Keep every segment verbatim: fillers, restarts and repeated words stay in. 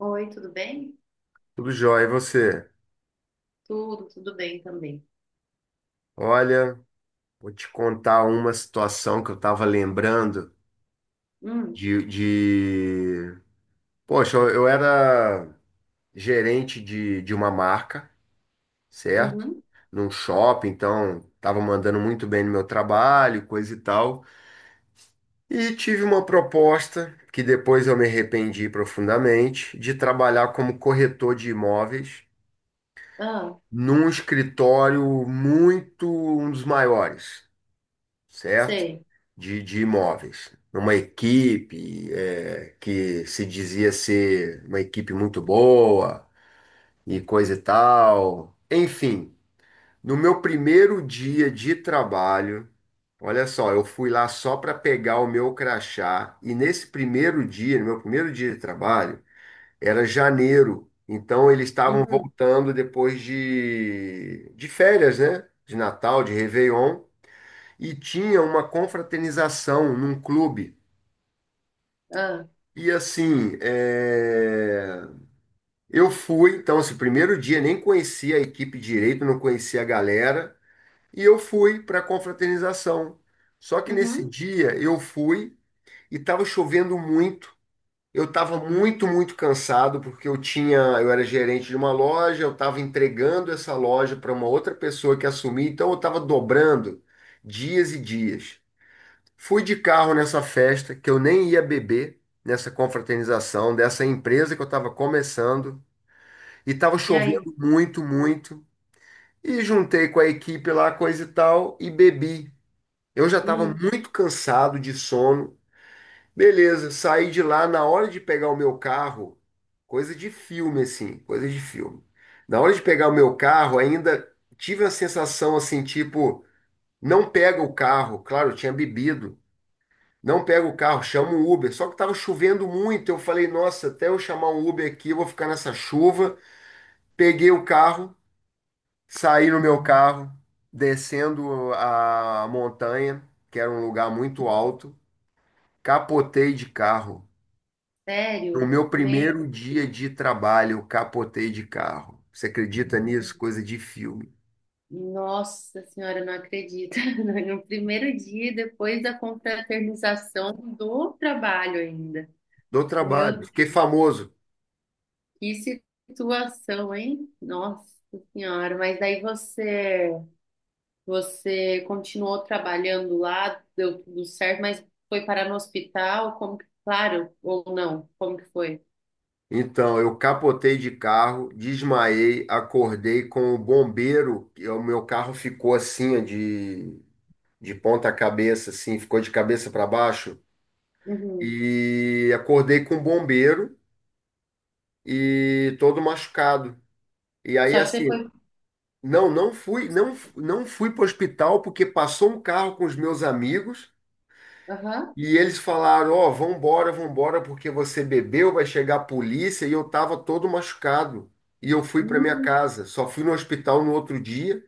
Oi, tudo bem? Tudo jóia, e você? Tudo, tudo bem também. Olha, vou te contar uma situação que eu estava lembrando Hum. de, de... Poxa, eu eu era gerente de, de uma marca, certo? Uhum. Num shopping, então estava mandando muito bem no meu trabalho, coisa e tal. E tive uma proposta, que depois eu me arrependi profundamente, de trabalhar como corretor de imóveis Ah, num escritório muito, um dos maiores. Certo? sei. De, de imóveis. Uma equipe é, que se dizia ser uma equipe muito boa e coisa e tal. Enfim, no meu primeiro dia de trabalho, olha só, eu fui lá só para pegar o meu crachá e nesse primeiro dia, no meu primeiro dia de trabalho, era janeiro. Então eles estavam Uhum. voltando depois de, de férias, né? De Natal, de Réveillon e tinha uma confraternização num clube. Ah. E assim, é, eu fui, então, esse primeiro dia nem conhecia a equipe direito, não conhecia a galera, e eu fui para a confraternização. Só que nesse Uhum. dia eu fui e estava chovendo muito. Eu estava muito, muito cansado porque eu tinha, eu era gerente de uma loja, eu estava entregando essa loja para uma outra pessoa que assumia, então eu estava dobrando dias e dias. Fui de carro nessa festa que eu nem ia beber, nessa confraternização dessa empresa que eu estava começando, e estava E aí? chovendo muito, muito. E juntei com a equipe lá, coisa e tal, e bebi. Eu já estava Hum. muito cansado de sono. Beleza, saí de lá na hora de pegar o meu carro, coisa de filme assim, coisa de filme. Na hora de pegar o meu carro, ainda tive a sensação assim, tipo, não pega o carro. Claro, eu tinha bebido. Não pego o carro, chamo um Uber. Só que estava chovendo muito. Eu falei, nossa, até eu chamar um Uber aqui, eu vou ficar nessa chuva. Peguei o carro, saí no meu carro, descendo a montanha, que era um lugar muito alto. Capotei de carro. No Sério? meu Meu, primeiro dia de trabalho, eu capotei de carro. Você acredita nisso? Coisa de filme. nossa senhora, eu não acredito. No primeiro dia, depois da confraternização do trabalho ainda. Do Meu trabalho. Fiquei Deus, famoso. que situação, hein? Nossa senhora, mas daí você você continuou trabalhando lá, deu tudo certo, mas foi parar no hospital, como que, claro, ou não, como que foi? Então, eu capotei de carro, desmaiei, acordei com o bombeiro, e o meu carro ficou assim, ó, de, de ponta cabeça, assim, ficou de cabeça para baixo, Uhum. e acordei com o bombeiro e todo machucado. E aí, Só que você assim, foi, não, não fui, não, não fui para o hospital porque passou um carro com os meus amigos. aham. E eles falaram, ó, vambora, vambora, porque você bebeu, vai chegar a polícia, e eu tava todo machucado. E eu fui para minha Hum. casa. Só fui no hospital no outro dia,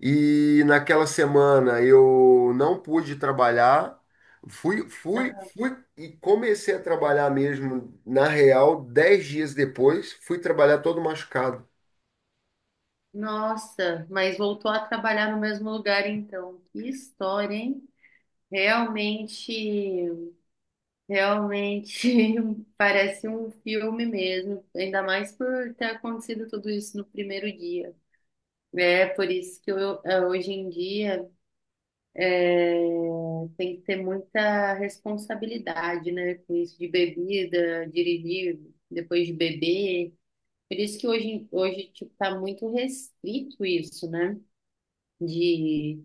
e naquela semana eu não pude trabalhar. Fui, fui, fui e comecei a trabalhar mesmo, na real, dez dias depois, fui trabalhar todo machucado. Nossa, mas voltou a trabalhar no mesmo lugar então. Que história, hein? Realmente, realmente parece um filme mesmo, ainda mais por ter acontecido tudo isso no primeiro dia. É por isso que eu, eh, hoje em dia é, tem que ter muita responsabilidade, né, com isso de bebida, dirigir depois de beber. Por isso que hoje, hoje tipo, tá muito restrito isso, né, de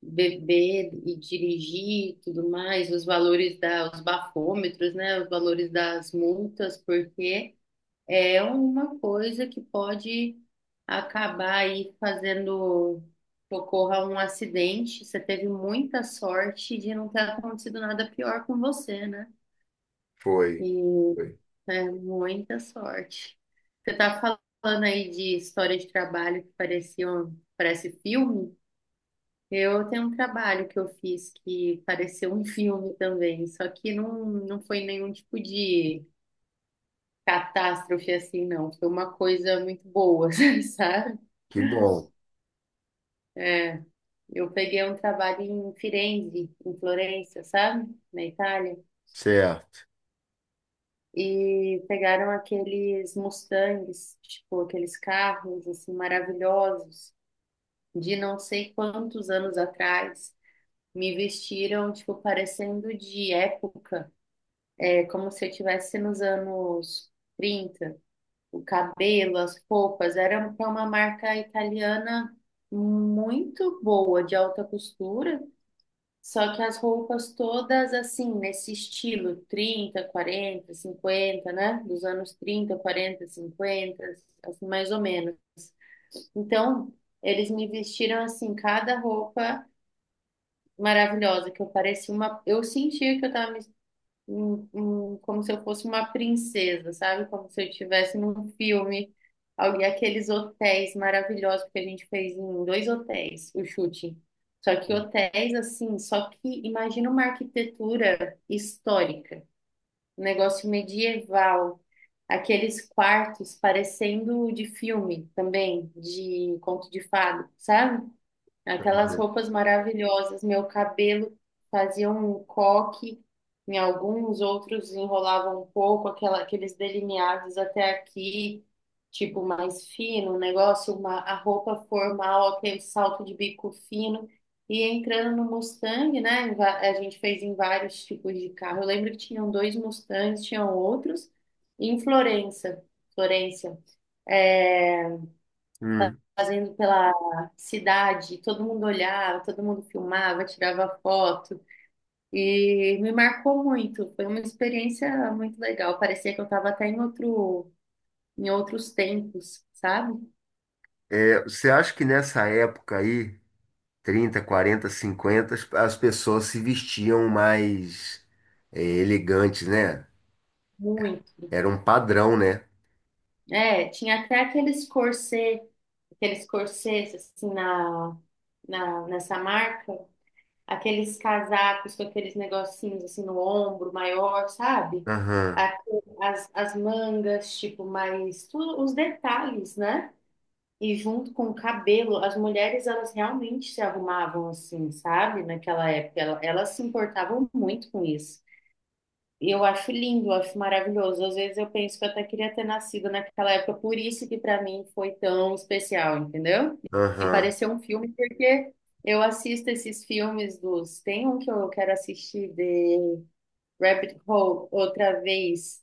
beber e dirigir e tudo mais, os valores da, os bafômetros, né, os valores das multas, porque é uma coisa que pode acabar aí fazendo que ocorra um acidente. Você teve muita sorte de não ter acontecido nada pior com você, né? Foi, E foi. é muita sorte. Você tá falando aí de história de trabalho que parecia um, parece filme. Eu tenho um trabalho que eu fiz que pareceu um filme também, só que não, não foi nenhum tipo de catástrofe assim, não. Foi uma coisa muito boa, sabe? Que bom. É. Eu peguei um trabalho em Firenze, em Florença, sabe? Na Itália. Certo. E pegaram aqueles Mustangs, tipo, aqueles carros assim maravilhosos de não sei quantos anos atrás. Me vestiram, tipo, parecendo de época. É como se eu estivesse nos anos trinta, o cabelo, as roupas, era para uma marca italiana muito boa, de alta costura, só que as roupas todas assim, nesse estilo trinta quarenta cinquenta, né? Dos anos trinta quarenta cinquenta, assim, mais ou menos. Então, eles me vestiram assim, cada roupa maravilhosa, que eu parecia uma, eu sentia que eu estava me um- um- como se eu fosse uma princesa, sabe? Como se eu estivesse num filme, alguém, aqueles hotéis maravilhosos que a gente fez em dois hotéis, o chute. Só que hotéis assim, só que imagina uma arquitetura histórica, um negócio medieval, aqueles quartos parecendo de filme também, de conto de fada, sabe? Aquelas Uhum. roupas maravilhosas, meu cabelo fazia um coque, em alguns outros enrolavam um pouco, aquela, aqueles delineados até aqui, tipo mais fino, um negócio, uma, a roupa formal, aquele salto de bico fino. E entrando no Mustang, né? em va- A gente fez em vários tipos de carro. Eu lembro que tinham dois Mustangs, tinham outros, em Florença, Florença. É, Hum. fazendo pela cidade, todo mundo olhava, todo mundo filmava, tirava foto e me marcou muito. Foi uma experiência muito legal. Parecia que eu estava até em outro, em outros tempos, sabe? É, você acha que nessa época aí trinta, quarenta, cinquenta, as as pessoas se vestiam mais eh, elegantes, né? Muito. Era um padrão, né? É, tinha até aqueles corset, aqueles corsets assim na, na nessa marca. Aqueles casacos com aqueles negocinhos assim no ombro maior, sabe? Aham, A- As, as mangas, tipo, mais tudo, os detalhes, né? E junto com o cabelo, as mulheres elas realmente se arrumavam assim, sabe? Naquela época, ela- elas se importavam muito com isso. E eu acho lindo, eu acho maravilhoso. Às vezes eu penso que eu até queria ter nascido naquela época, por isso que para mim foi tão especial, entendeu? E aham, pareceu um filme, porque eu assisto esses filmes dos. Tem um que eu quero assistir de Rabbit Hole outra vez.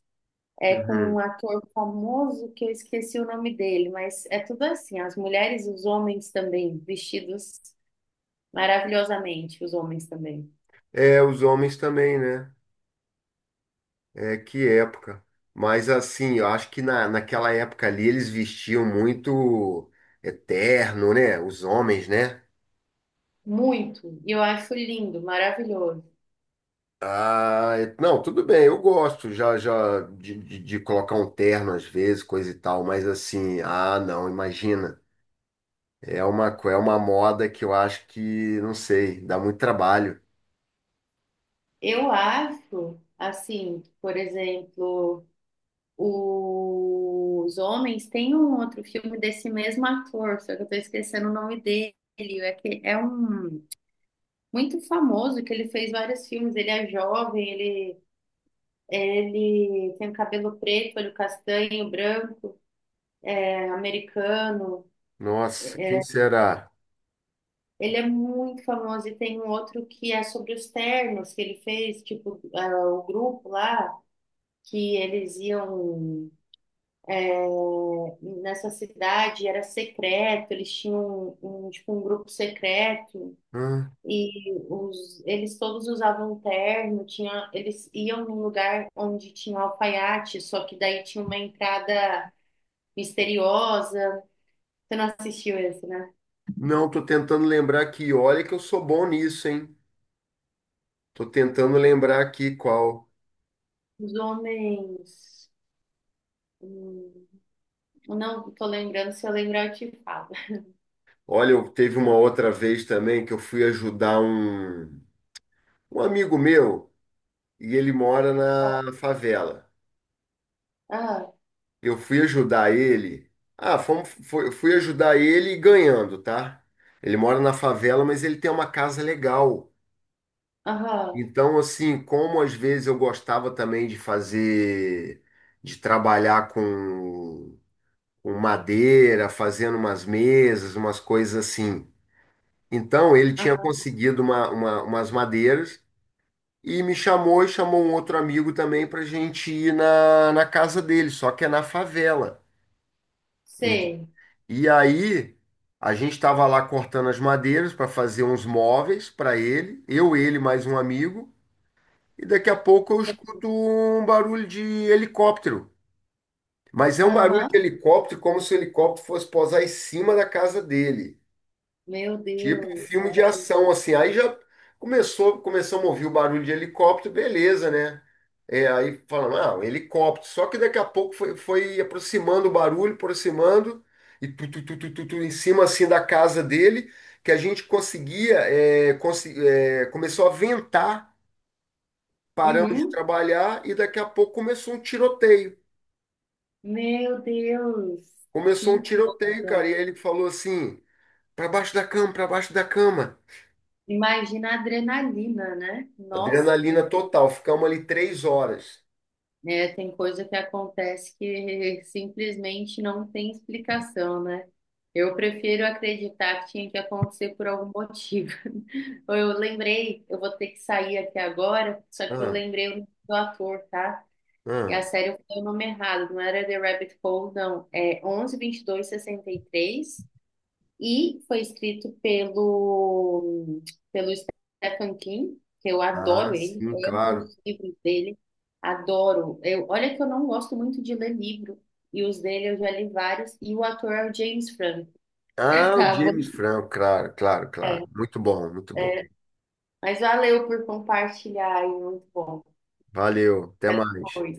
É com um uhum. ator famoso que eu esqueci o nome dele, mas é tudo assim, as mulheres e os homens também, vestidos maravilhosamente, os homens também. É, os homens também, né? É, que época. Mas assim, eu acho que na, naquela época ali eles vestiam muito eterno, né? Os homens, né? Muito. E eu acho lindo, maravilhoso. Ah, é- não, tudo bem, eu gosto já já de, de, de, colocar um terno às vezes, coisa e tal, mas assim, ah, não, imagina. É uma, co- é uma moda que eu acho que, não sei, dá muito trabalho. Eu acho, assim, por exemplo, os homens tem um outro filme desse mesmo ator, só que eu tô esquecendo o nome dele. É que é um muito famoso que ele fez vários filmes. Ele é jovem, ele ele tem cabelo preto, olho castanho, branco, é americano. Nossa, quem será? Ele é muito famoso e tem um outro que é sobre os ternos que ele fez, tipo, ah, o grupo lá que eles iam nessa cidade era secreto, eles tinham um, um, tipo, um grupo secreto Hã? e os, eles todos usavam um terno, tinha, eles iam num lugar onde tinha um alfaiate, só que daí tinha uma entrada misteriosa. Você não assistiu esse, né? Não, tô tentando lembrar aqui. Olha que eu sou bom nisso, hein? Tô tentando lembrar aqui qual. Os homens. Hum, não tô lembrando, se eu lembrar eu te falo. Olha, eu teve uma outra vez também que eu fui ajudar um, um amigo meu e ele mora na favela. Ah, Eu fui ajudar ele. Ah, fomos, foi- fui ajudar ele ganhando, tá? Ele mora na favela, mas ele tem uma casa legal. aham, Então, assim, como às vezes eu gostava também de fazer, de trabalhar com, com madeira, fazendo umas mesas, umas coisas assim. Então, ele tinha aham, conseguido uma, uma- umas madeiras e me chamou e chamou um outro amigo também para gente ir na, na casa dele, só que é na favela. Ent- sei. E aí, a gente estava lá cortando as madeiras para fazer uns móveis para ele, eu, ele, mais um amigo. E daqui a pouco eu escuto um barulho de helicóptero. Mas é um barulho de Aham, helicóptero como se o helicóptero fosse pousar em cima da casa dele. meu Tipo um Deus, filme sério. de ação, assim. Aí já começou, começamos a ouvir o barulho de helicóptero, beleza, né? É, aí falando, ah, um helicóptero. Só que daqui a pouco foi, foi aproximando o barulho, aproximando, e tu, tu, tu, tu, tu, tu, em cima, assim, da casa dele, que a gente conseguia, é, consi- é, começou a ventar. Paramos de Uhum. trabalhar e daqui a pouco começou um tiroteio. Meu Deus, Começou um que tiroteio, coisa. cara. E aí ele falou assim: pra baixo da cama, pra baixo da cama. Imagina a adrenalina, né? Nossa, Adrenalina total. Ficamos ali três horas. né, tem coisa que acontece que simplesmente não tem explicação, né? Eu prefiro acreditar que tinha que acontecer por algum motivo. Eu lembrei, eu vou ter que sair aqui agora, só que eu Ah, lembrei o nome do ator, tá? E ah, a série foi o nome errado, não era The Rabbit Hole, não. É onze vinte e dois sessenta e três. E foi escrito pelo, pelo Stephen King, que eu ah, adoro ele, sim, eu amo claro. os livros dele, adoro. Eu, olha que eu não gosto muito de ler livro, e os dele eu já li vários, e o ator é o James Franco. Ah, o Tá James bom? Franco, claro, claro, claro. É. Muito bom, muito bom. Mas valeu por compartilhar, e muito bom. Valeu, até Até mais. depois.